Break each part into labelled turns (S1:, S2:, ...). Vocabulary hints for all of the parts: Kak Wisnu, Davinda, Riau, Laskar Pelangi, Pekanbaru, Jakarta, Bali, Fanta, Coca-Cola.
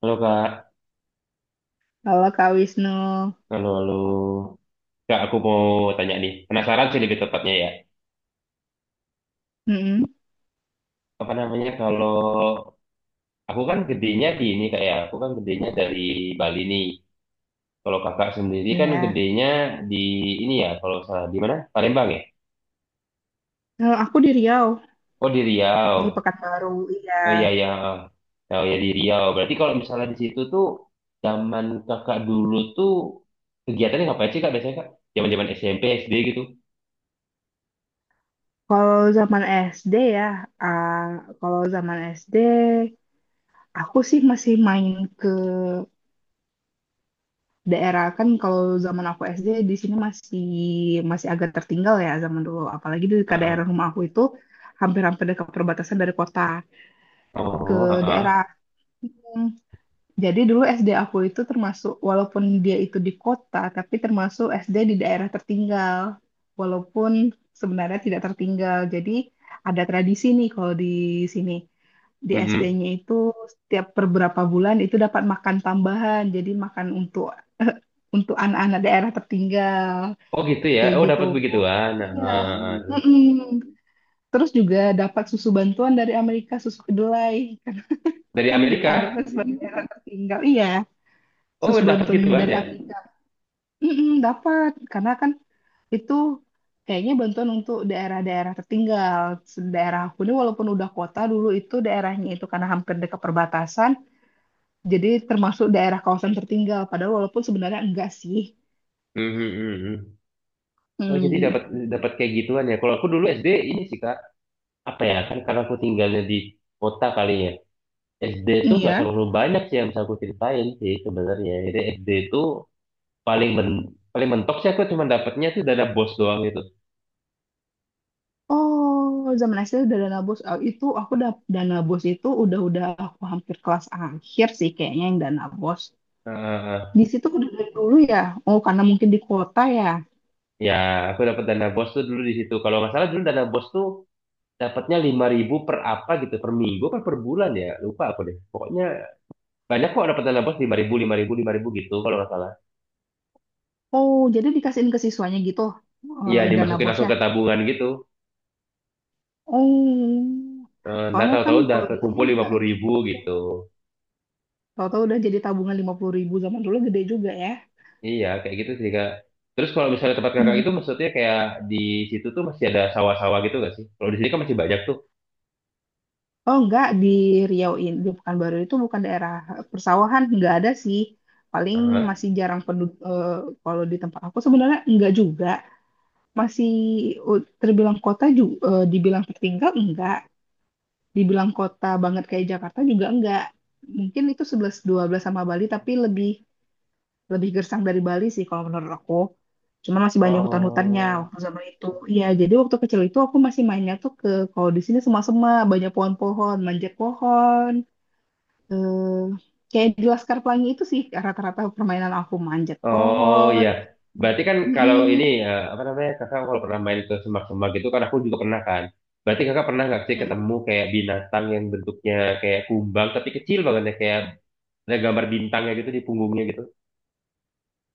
S1: Halo Kak,
S2: Halo Kak Wisnu.
S1: halo halo. Kak, aku mau tanya nih. Penasaran sih lebih tepatnya ya.
S2: Mm-mm,
S1: Apa namanya, kalau aku kan gedenya di ini Kak ya. Aku kan gedenya dari Bali nih. Kalau Kakak sendiri kan
S2: Iya.
S1: gedenya di ini ya. Kalau salah di mana? Palembang ya.
S2: Kalau aku di Riau,
S1: Oh, di
S2: di
S1: Riau.
S2: Pekanbaru. Iya.
S1: Oh iya iya. Oh ya, di Riau. Berarti kalau misalnya di situ tuh zaman Kakak dulu tuh kegiatannya ngapain sih Kak, biasanya Kak? Zaman-zaman SMP, SD gitu.
S2: Kalau zaman SD ya, ah, kalau zaman SD, aku sih masih main ke daerah kan. Kalau zaman aku SD di sini masih masih agak tertinggal ya zaman dulu. Apalagi ke
S1: Heeh.
S2: daerah rumah aku itu hampir-hampir dekat perbatasan dari kota ke
S1: Oh, heeh.
S2: daerah. Jadi dulu SD aku itu termasuk, walaupun dia itu di kota, tapi termasuk SD di daerah tertinggal. Walaupun sebenarnya tidak tertinggal. Jadi ada tradisi nih kalau di sini. Di
S1: Mm-hmm.
S2: SD-nya itu setiap beberapa bulan itu dapat makan tambahan. Jadi makan untuk untuk anak-anak daerah tertinggal.
S1: Oh gitu ya.
S2: Kayak
S1: Oh,
S2: gitu.
S1: dapat begituan.
S2: Iya. Iya,
S1: Nah,
S2: Mm-mm. Terus juga dapat susu bantuan dari Amerika, susu kedelai.
S1: dari
S2: Kan
S1: Amerika.
S2: dianggapnya sebagai daerah tertinggal. Iya
S1: Oh,
S2: susu
S1: dapat
S2: bantuan
S1: gituan
S2: dari
S1: ya.
S2: Afrika. Mm-mm, dapat karena kan itu kayaknya bantuan untuk daerah-daerah tertinggal. Daerah aku ini walaupun udah kota dulu itu daerahnya itu karena hampir dekat perbatasan, jadi termasuk daerah kawasan tertinggal. Padahal walaupun sebenarnya enggak sih.
S1: Hmm, hmm, hmm, hmm. Oh jadi
S2: Hmm,
S1: dapat dapat kayak gituan ya. Kalau aku dulu SD ini sih Kak, apa ya, kan karena aku tinggalnya di kota kali ya. SD itu nggak
S2: iya.
S1: terlalu banyak sih yang bisa aku ceritain sih sebenarnya. Jadi SD itu paling men paling mentok sih aku cuma dapatnya tuh dana bos doang gitu.
S2: Oh, zaman SD udah dana bos. Oh, itu aku udah dana bos itu udah-udah aku hampir kelas akhir sih kayaknya yang dana bos.
S1: Heeh.
S2: Di situ udah dari dulu ya. Oh, karena mungkin di kota ya.
S1: Ya, aku dapat dana bos tuh dulu di situ. Kalau nggak salah dulu dana bos tuh dapatnya 5.000 per apa gitu, per minggu apa per bulan ya, lupa aku deh pokoknya. Banyak kok dapat dana bos, 5.000, 5.000, 5.000 gitu kalau nggak salah.
S2: Oh, jadi dikasihin ke siswanya gitu
S1: Iya,
S2: dana
S1: dimasukin langsung
S2: bosnya.
S1: ke tabungan gitu.
S2: Oh,
S1: Ntar
S2: soalnya kan
S1: tahu-tahu udah
S2: kalau di sini
S1: terkumpul lima
S2: nggak
S1: puluh
S2: kayak
S1: ribu
S2: gitu.
S1: gitu.
S2: Tahu-tahu udah jadi tabungan 50.000 zaman dulu gede juga ya.
S1: Iya, kayak gitu sih, Kak. Terus kalau misalnya tempat kakak itu
S2: Mm-mm.
S1: maksudnya kayak di situ tuh masih ada sawah-sawah gitu nggak sih? Kalau di sini kan masih banyak tuh.
S2: Oh enggak di Riau ini di Pekanbaru itu bukan daerah persawahan nggak ada sih. Paling
S1: Aha.
S2: masih jarang penduduk kalau di tempat aku sebenarnya enggak juga. Masih terbilang kota juga dibilang tertinggal enggak. Dibilang kota banget kayak Jakarta juga enggak. Mungkin itu sebelas dua belas sama Bali, tapi lebih lebih gersang dari Bali sih kalau menurut aku. Cuman masih banyak hutan-hutannya
S1: Oh.
S2: waktu zaman itu. Iya, jadi waktu kecil itu aku masih mainnya tuh ke, kalau di sini semua-semua, banyak pohon-pohon, manjat pohon. Eh, Kayak di Laskar Pelangi itu sih rata-rata permainan aku manjat
S1: Oh
S2: pohon.
S1: iya. Berarti kan kalau ini,
S2: Mm-mm.
S1: apa namanya, kakak kalau pernah main ke semak-semak gitu kan, aku juga pernah kan. Berarti kakak pernah nggak sih ketemu
S2: Mm-mm.
S1: kayak binatang yang bentuknya kayak kumbang tapi kecil banget ya, kayak ada gambar bintangnya gitu di punggungnya gitu,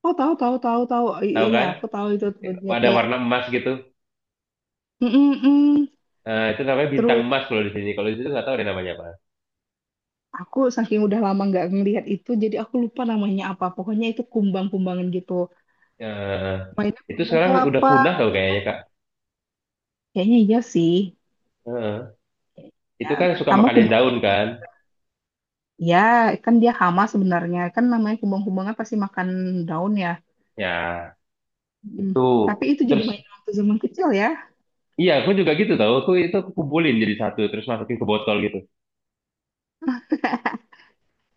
S2: Oh, tahu tahu tahu tahu I-
S1: tahu
S2: iya
S1: kan?
S2: aku tahu itu tuh dia
S1: Ada
S2: kayak
S1: warna emas gitu.
S2: mm-mm-mm.
S1: Itu namanya bintang
S2: Terus,
S1: emas kalau di sini, kalau di situ nggak tahu deh namanya apa.
S2: aku saking udah lama nggak ngelihat itu, jadi aku lupa namanya apa. Pokoknya itu kumbang-kumbangan gitu.
S1: Eh,
S2: Mainnya
S1: itu
S2: kumbang
S1: sekarang udah
S2: kelapa.
S1: punah tau kayaknya kak.
S2: Kayaknya iya sih.
S1: Eh,
S2: Ya,
S1: itu kan suka
S2: tambah
S1: makanin
S2: kumbang
S1: daun
S2: kelapa
S1: kan,
S2: juga. Ya, kan dia hama sebenarnya. Kan namanya kumbang-kumbangan pasti makan daun ya.
S1: ya.
S2: Mm.
S1: Itu
S2: Tapi itu jadi
S1: terus,
S2: mainan waktu zaman kecil ya.
S1: iya aku juga gitu tau, aku itu aku kumpulin jadi satu, terus masukin ke botol gitu.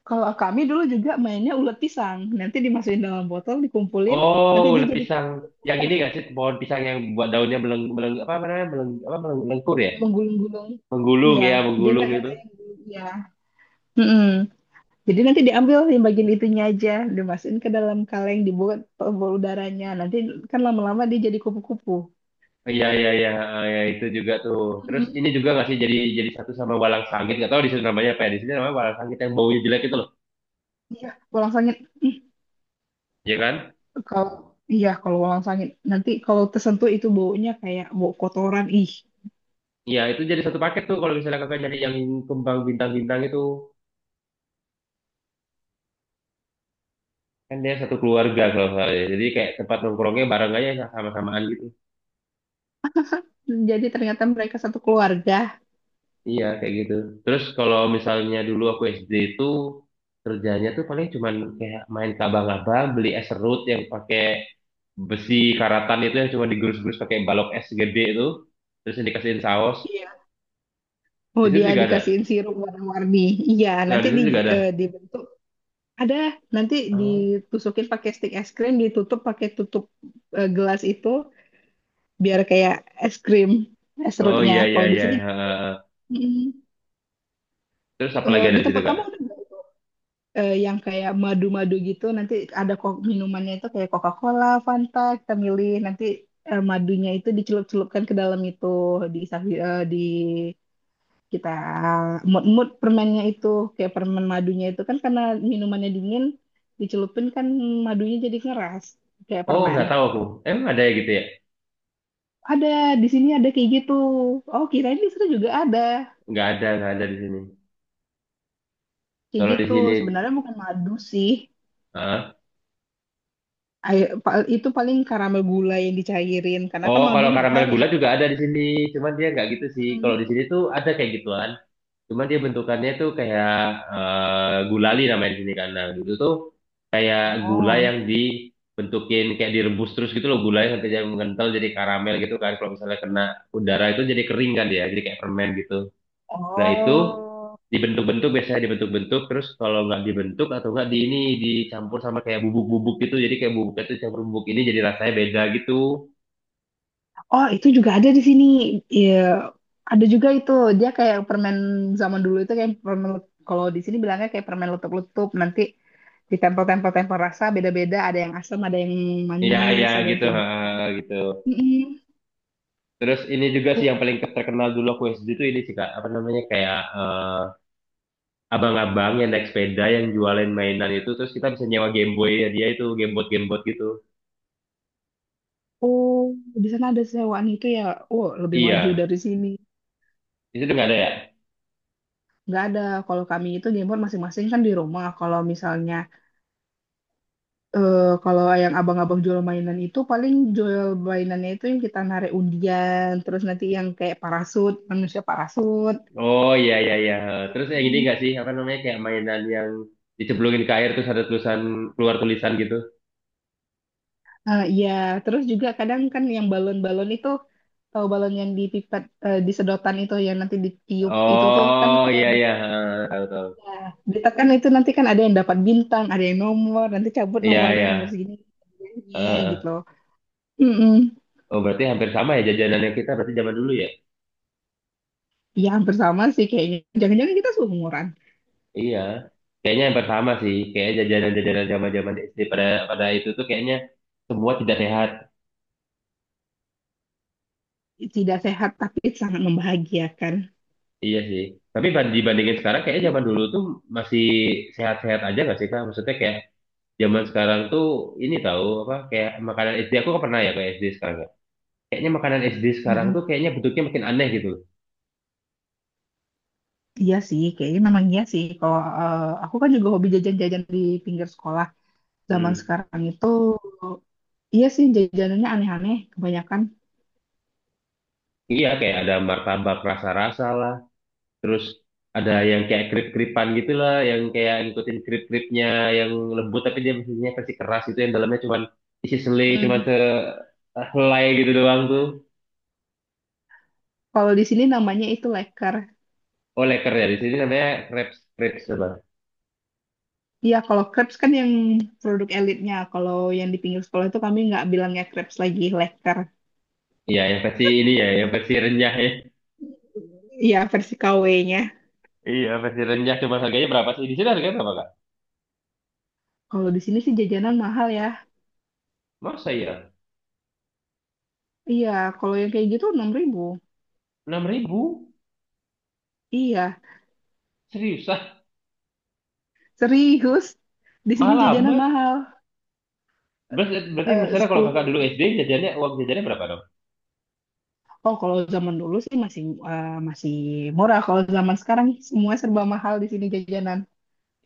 S2: Kalau kami dulu juga mainnya ulet pisang. Nanti dimasukin dalam botol, dikumpulin.
S1: Oh,
S2: Nanti dia
S1: ulet
S2: jadi
S1: pisang. Yang ini nggak sih, pohon pisang yang buat daunnya meleng meleng, apa namanya, meleng apa, melengkur ya,
S2: menggulung-gulung.
S1: menggulung,
S2: Iya,
S1: ya
S2: dia
S1: menggulung itu.
S2: nanti. Iya. Mm-mm. Jadi nanti diambil yang bagian itunya aja, dimasukin ke dalam kaleng, dibuat pembuluh udaranya. Nanti kan lama-lama dia jadi kupu-kupu.
S1: Iya iya iya, ah, ya, itu juga tuh. Terus
S2: Mhm.
S1: ini juga nggak sih, jadi satu sama walang sangit, nggak tahu di sini namanya apa, ya di sini namanya walang sangit yang baunya jelek itu loh,
S2: Iya, walang sangit. Ih,
S1: ya kan?
S2: kalau iya kalau walang sangit nanti kalau tersentuh itu baunya kayak bau kotoran. Ih,
S1: Iya itu jadi satu paket tuh kalau misalnya kakak nyari yang kembang bintang-bintang itu, kan dia satu keluarga kalau nggak salah ya. Jadi kayak tempat nongkrongnya bareng aja, sama-samaan gitu.
S2: jadi ternyata mereka satu keluarga.
S1: Iya, kayak gitu. Terus kalau misalnya dulu aku SD itu kerjanya tuh paling cuman kayak main kabang-abang, beli es serut yang pakai besi karatan itu, yang cuma digerus-gerus pakai balok es gede itu, terus yang dikasihin saus.
S2: Iya.
S1: Di
S2: Oh,
S1: situ
S2: dia
S1: juga ada.
S2: dikasihin sirup warna-warni. Iya,
S1: Nah, di
S2: nanti
S1: situ juga ada.
S2: dibentuk ada nanti
S1: Oh,
S2: ditusukin pakai stik es krim, ditutup pakai tutup gelas itu. Biar kayak es krim es
S1: oh
S2: serutnya
S1: iya iya
S2: kalau di
S1: iya.
S2: sini.
S1: Ha, ha, ha.
S2: mm,
S1: Terus apa lagi ada
S2: di
S1: di situ,
S2: tempat
S1: Kak?
S2: kamu ada nggak yang kayak madu-madu gitu? Nanti ada kok minumannya itu kayak Coca-Cola Fanta kita milih. Nanti madunya itu dicelup-celupkan ke dalam itu, di sapi- eh, di kita mut-mut permennya itu, kayak permen madunya itu kan. Karena minumannya dingin, dicelupin kan madunya jadi ngeras kayak
S1: Oh,
S2: permen.
S1: nggak tahu aku. Emang ada ya gitu ya?
S2: Ada di sini, ada kayak gitu. Oh, kirain di sana juga ada.
S1: Nggak ada di sini.
S2: Kayak
S1: Kalau di
S2: gitu.
S1: sini.
S2: Sebenarnya bukan madu sih.
S1: Hah?
S2: Air- pa- itu paling karamel gula yang dicairin. Karena kan
S1: Oh,
S2: madu
S1: kalau karamel
S2: mahal ya.
S1: gula juga ada di sini. Cuman dia nggak gitu sih. Kalau
S2: Mm.
S1: di sini tuh ada kayak gituan. Cuman dia bentukannya tuh kayak, gulali namanya di sini kan. Nah, gitu tuh kayak gula yang
S2: Oh,
S1: dibentukin kayak direbus terus gitu loh, gulanya sampai jadi mengental jadi karamel gitu kan. Kalau misalnya kena udara itu jadi kering kan dia, jadi kayak permen gitu. Nah, itu
S2: Oh,
S1: dibentuk-bentuk, biasanya dibentuk-bentuk terus kalau nggak dibentuk atau nggak di ini dicampur sama kayak bubuk-bubuk gitu. Jadi kayak bubuknya tuh campur bubuk ini jadi rasanya beda gitu.
S2: oh, itu juga ada di sini. Iya, ada juga itu. Dia kayak permen zaman dulu itu kayak kalau di sini bilangnya kayak permen letup-letup. Nanti ditempel-tempel rasa beda-beda. Ada yang asam, ada yang
S1: Iya,
S2: manis,
S1: iya
S2: ada yang
S1: gitu,
S2: kayak
S1: ha,
S2: gitu kan.
S1: gitu.
S2: Mm-mm.
S1: Terus ini juga
S2: Oh,
S1: sih yang paling terkenal dulu aku SD itu ini sih Kak, apa namanya kayak, abang-abang yang naik sepeda yang jualin mainan itu, terus kita bisa nyewa Game Boy ya, dia itu gamebot gamebot gitu.
S2: oh, di sana ada sewaan itu ya. Oh, lebih maju
S1: Iya,
S2: dari sini.
S1: itu udah nggak ada ya?
S2: Nggak ada. Kalau kami itu gameport masing-masing kan di rumah. Kalau misalnya, eh kalau yang abang-abang jual mainan itu paling jual mainannya itu yang kita narik undian, terus nanti yang kayak parasut, manusia parasut.
S1: Oh iya iya iya. Terus yang ini
S2: Hmm.
S1: nggak sih, apa namanya, kayak mainan yang dicemplungin ke air terus ada tulisan, keluar tulisan gitu.
S2: Iya, terus juga kadang kan yang balon-balon itu, tahu balon yang dipipet, di sedotan itu yang nanti ditiup itu tuh kan
S1: Oh
S2: kalau
S1: iya
S2: di,
S1: iya, tahu tahu.
S2: ya, ditekan itu nanti kan ada yang dapat bintang, ada yang nomor, nanti cabut
S1: Iya
S2: nomornya
S1: iya.
S2: nomor segini, segininya
S1: Eh,
S2: gitu. Mm-mm.
S1: oh berarti hampir sama ya jajanannya kita berarti zaman dulu ya?
S2: Ya, hampir sama sih kayaknya. Jangan-jangan kita seumuran.
S1: Iya, kayaknya yang pertama sih, kayak jajanan-jajanan zaman-zaman SD pada pada itu tuh kayaknya semua tidak sehat.
S2: Tidak sehat tapi sangat membahagiakan.
S1: Iya sih. Tapi dibandingin sekarang kayaknya zaman dulu tuh masih sehat-sehat aja gak sih Kak? Maksudnya kayak zaman sekarang tuh ini tahu apa, kayak makanan SD aku kok pernah ya kayak SD sekarang ya. Kayaknya makanan SD sekarang tuh
S2: Mm-mm.
S1: kayaknya bentuknya makin aneh gitu loh.
S2: Iya sih, kayaknya memang iya sih. Kalau aku kan juga hobi jajan-jajan di pinggir sekolah. Zaman
S1: Hmm.
S2: sekarang itu, iya sih jajanannya aneh-aneh kebanyakan.
S1: Iya kayak ada martabak rasa-rasa lah. Terus ada yang kayak krip-kripan gitu lah, yang kayak ngikutin krip-kripnya yang lembut tapi dia mesinnya versi keras itu, yang dalamnya cuman isi selai cuma
S2: Mm.
S1: sehelai gitu doang tuh.
S2: Kalau di sini namanya itu leker.
S1: Oh, leker ya, di sini namanya crepes crepes apa?
S2: Iya, kalau crepes kan yang produk elitnya. Kalau yang di pinggir sekolah itu kami nggak bilangnya crepes lagi, leker.
S1: Iya, yang versi ini ya, yang versi renyah ya.
S2: Iya, versi KW-nya.
S1: Iya, versi renyah, cuma harganya berapa sih? Di sini harganya berapa, Kak?
S2: Kalau di sini sih jajanan mahal ya.
S1: Masa ya?
S2: Iya, kalau yang kayak gitu 6.000.
S1: 6.000.
S2: Iya,
S1: Serius ah?
S2: serius. Di sini
S1: Mahal
S2: jajanan
S1: amat.
S2: mahal.
S1: Berarti, misalnya kalau
S2: Sepuluh
S1: kakak dulu
S2: ribu.
S1: SD uang jajannya berapa dong?
S2: Oh, kalau zaman dulu sih masih murah. Kalau zaman sekarang semua serba mahal di sini jajanan.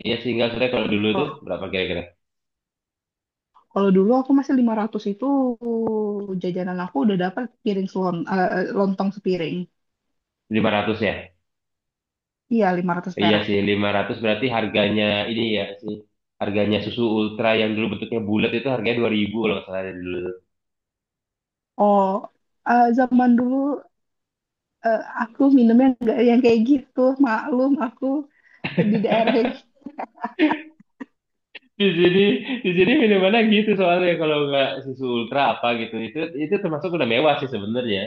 S1: Iya sih, enggak sebenarnya kalau dulu tuh
S2: Kalau
S1: berapa kira-kira?
S2: kalau dulu aku masih 500 itu jajanan aku udah dapat piring selon, lontong sepiring.
S1: 500 ya?
S2: Iya, 500
S1: Iya
S2: perak.
S1: sih, 500 berarti harganya ini ya sih. Harganya susu ultra yang dulu bentuknya bulat itu harganya 2000 kalau nggak salah dari dulu.
S2: Oh, zaman dulu aku minumnya nggak yang kayak gitu. Maklum aku di daerah yang
S1: Di sini, minumannya gitu soalnya kalau nggak susu ultra apa gitu. Itu, termasuk udah mewah sih sebenarnya.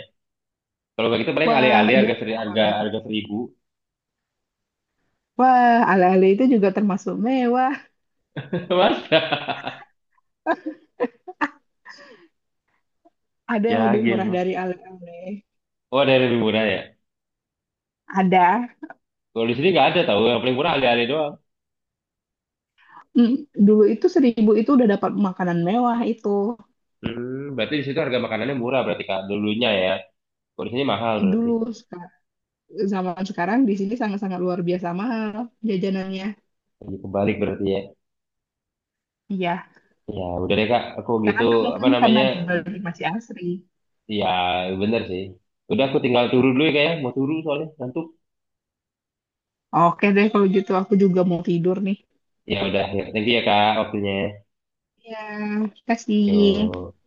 S1: Kalau nggak gitu paling
S2: wah,
S1: alih-alih
S2: iya
S1: harga seri,
S2: mewah
S1: harga
S2: banget.
S1: harga 1.000
S2: Wah, ala-ala itu juga termasuk mewah.
S1: Mas.
S2: Ada yang
S1: Ya
S2: lebih murah
S1: game.
S2: dari Ale-Ale.
S1: Oh, ada yang lebih murah ya.
S2: Ada.
S1: Kalau di sini nggak ada tahu, yang paling murah alih-alih doang.
S2: Mm, Dulu itu 1.000 itu udah dapat makanan mewah itu.
S1: Hmm, berarti di situ harga makanannya murah berarti Kak, dulunya ya. Kalau di sini mahal berarti.
S2: Dulu seka- Zaman sekarang di sini sangat-sangat luar biasa mahal jajanannya.
S1: Jadi kebalik berarti ya.
S2: Iya.
S1: Ya, udah deh Kak, aku gitu,
S2: Karena kan
S1: apa
S2: mungkin karena
S1: namanya,
S2: di Bali masih asri.
S1: ya bener sih. Udah, aku tinggal turun dulu ya Kak ya, mau turun soalnya, ngantuk.
S2: Oke deh kalau gitu aku juga mau tidur nih.
S1: Ya udah, ya, thank you ya Kak waktunya.
S2: Iya, kasih.
S1: Yuk.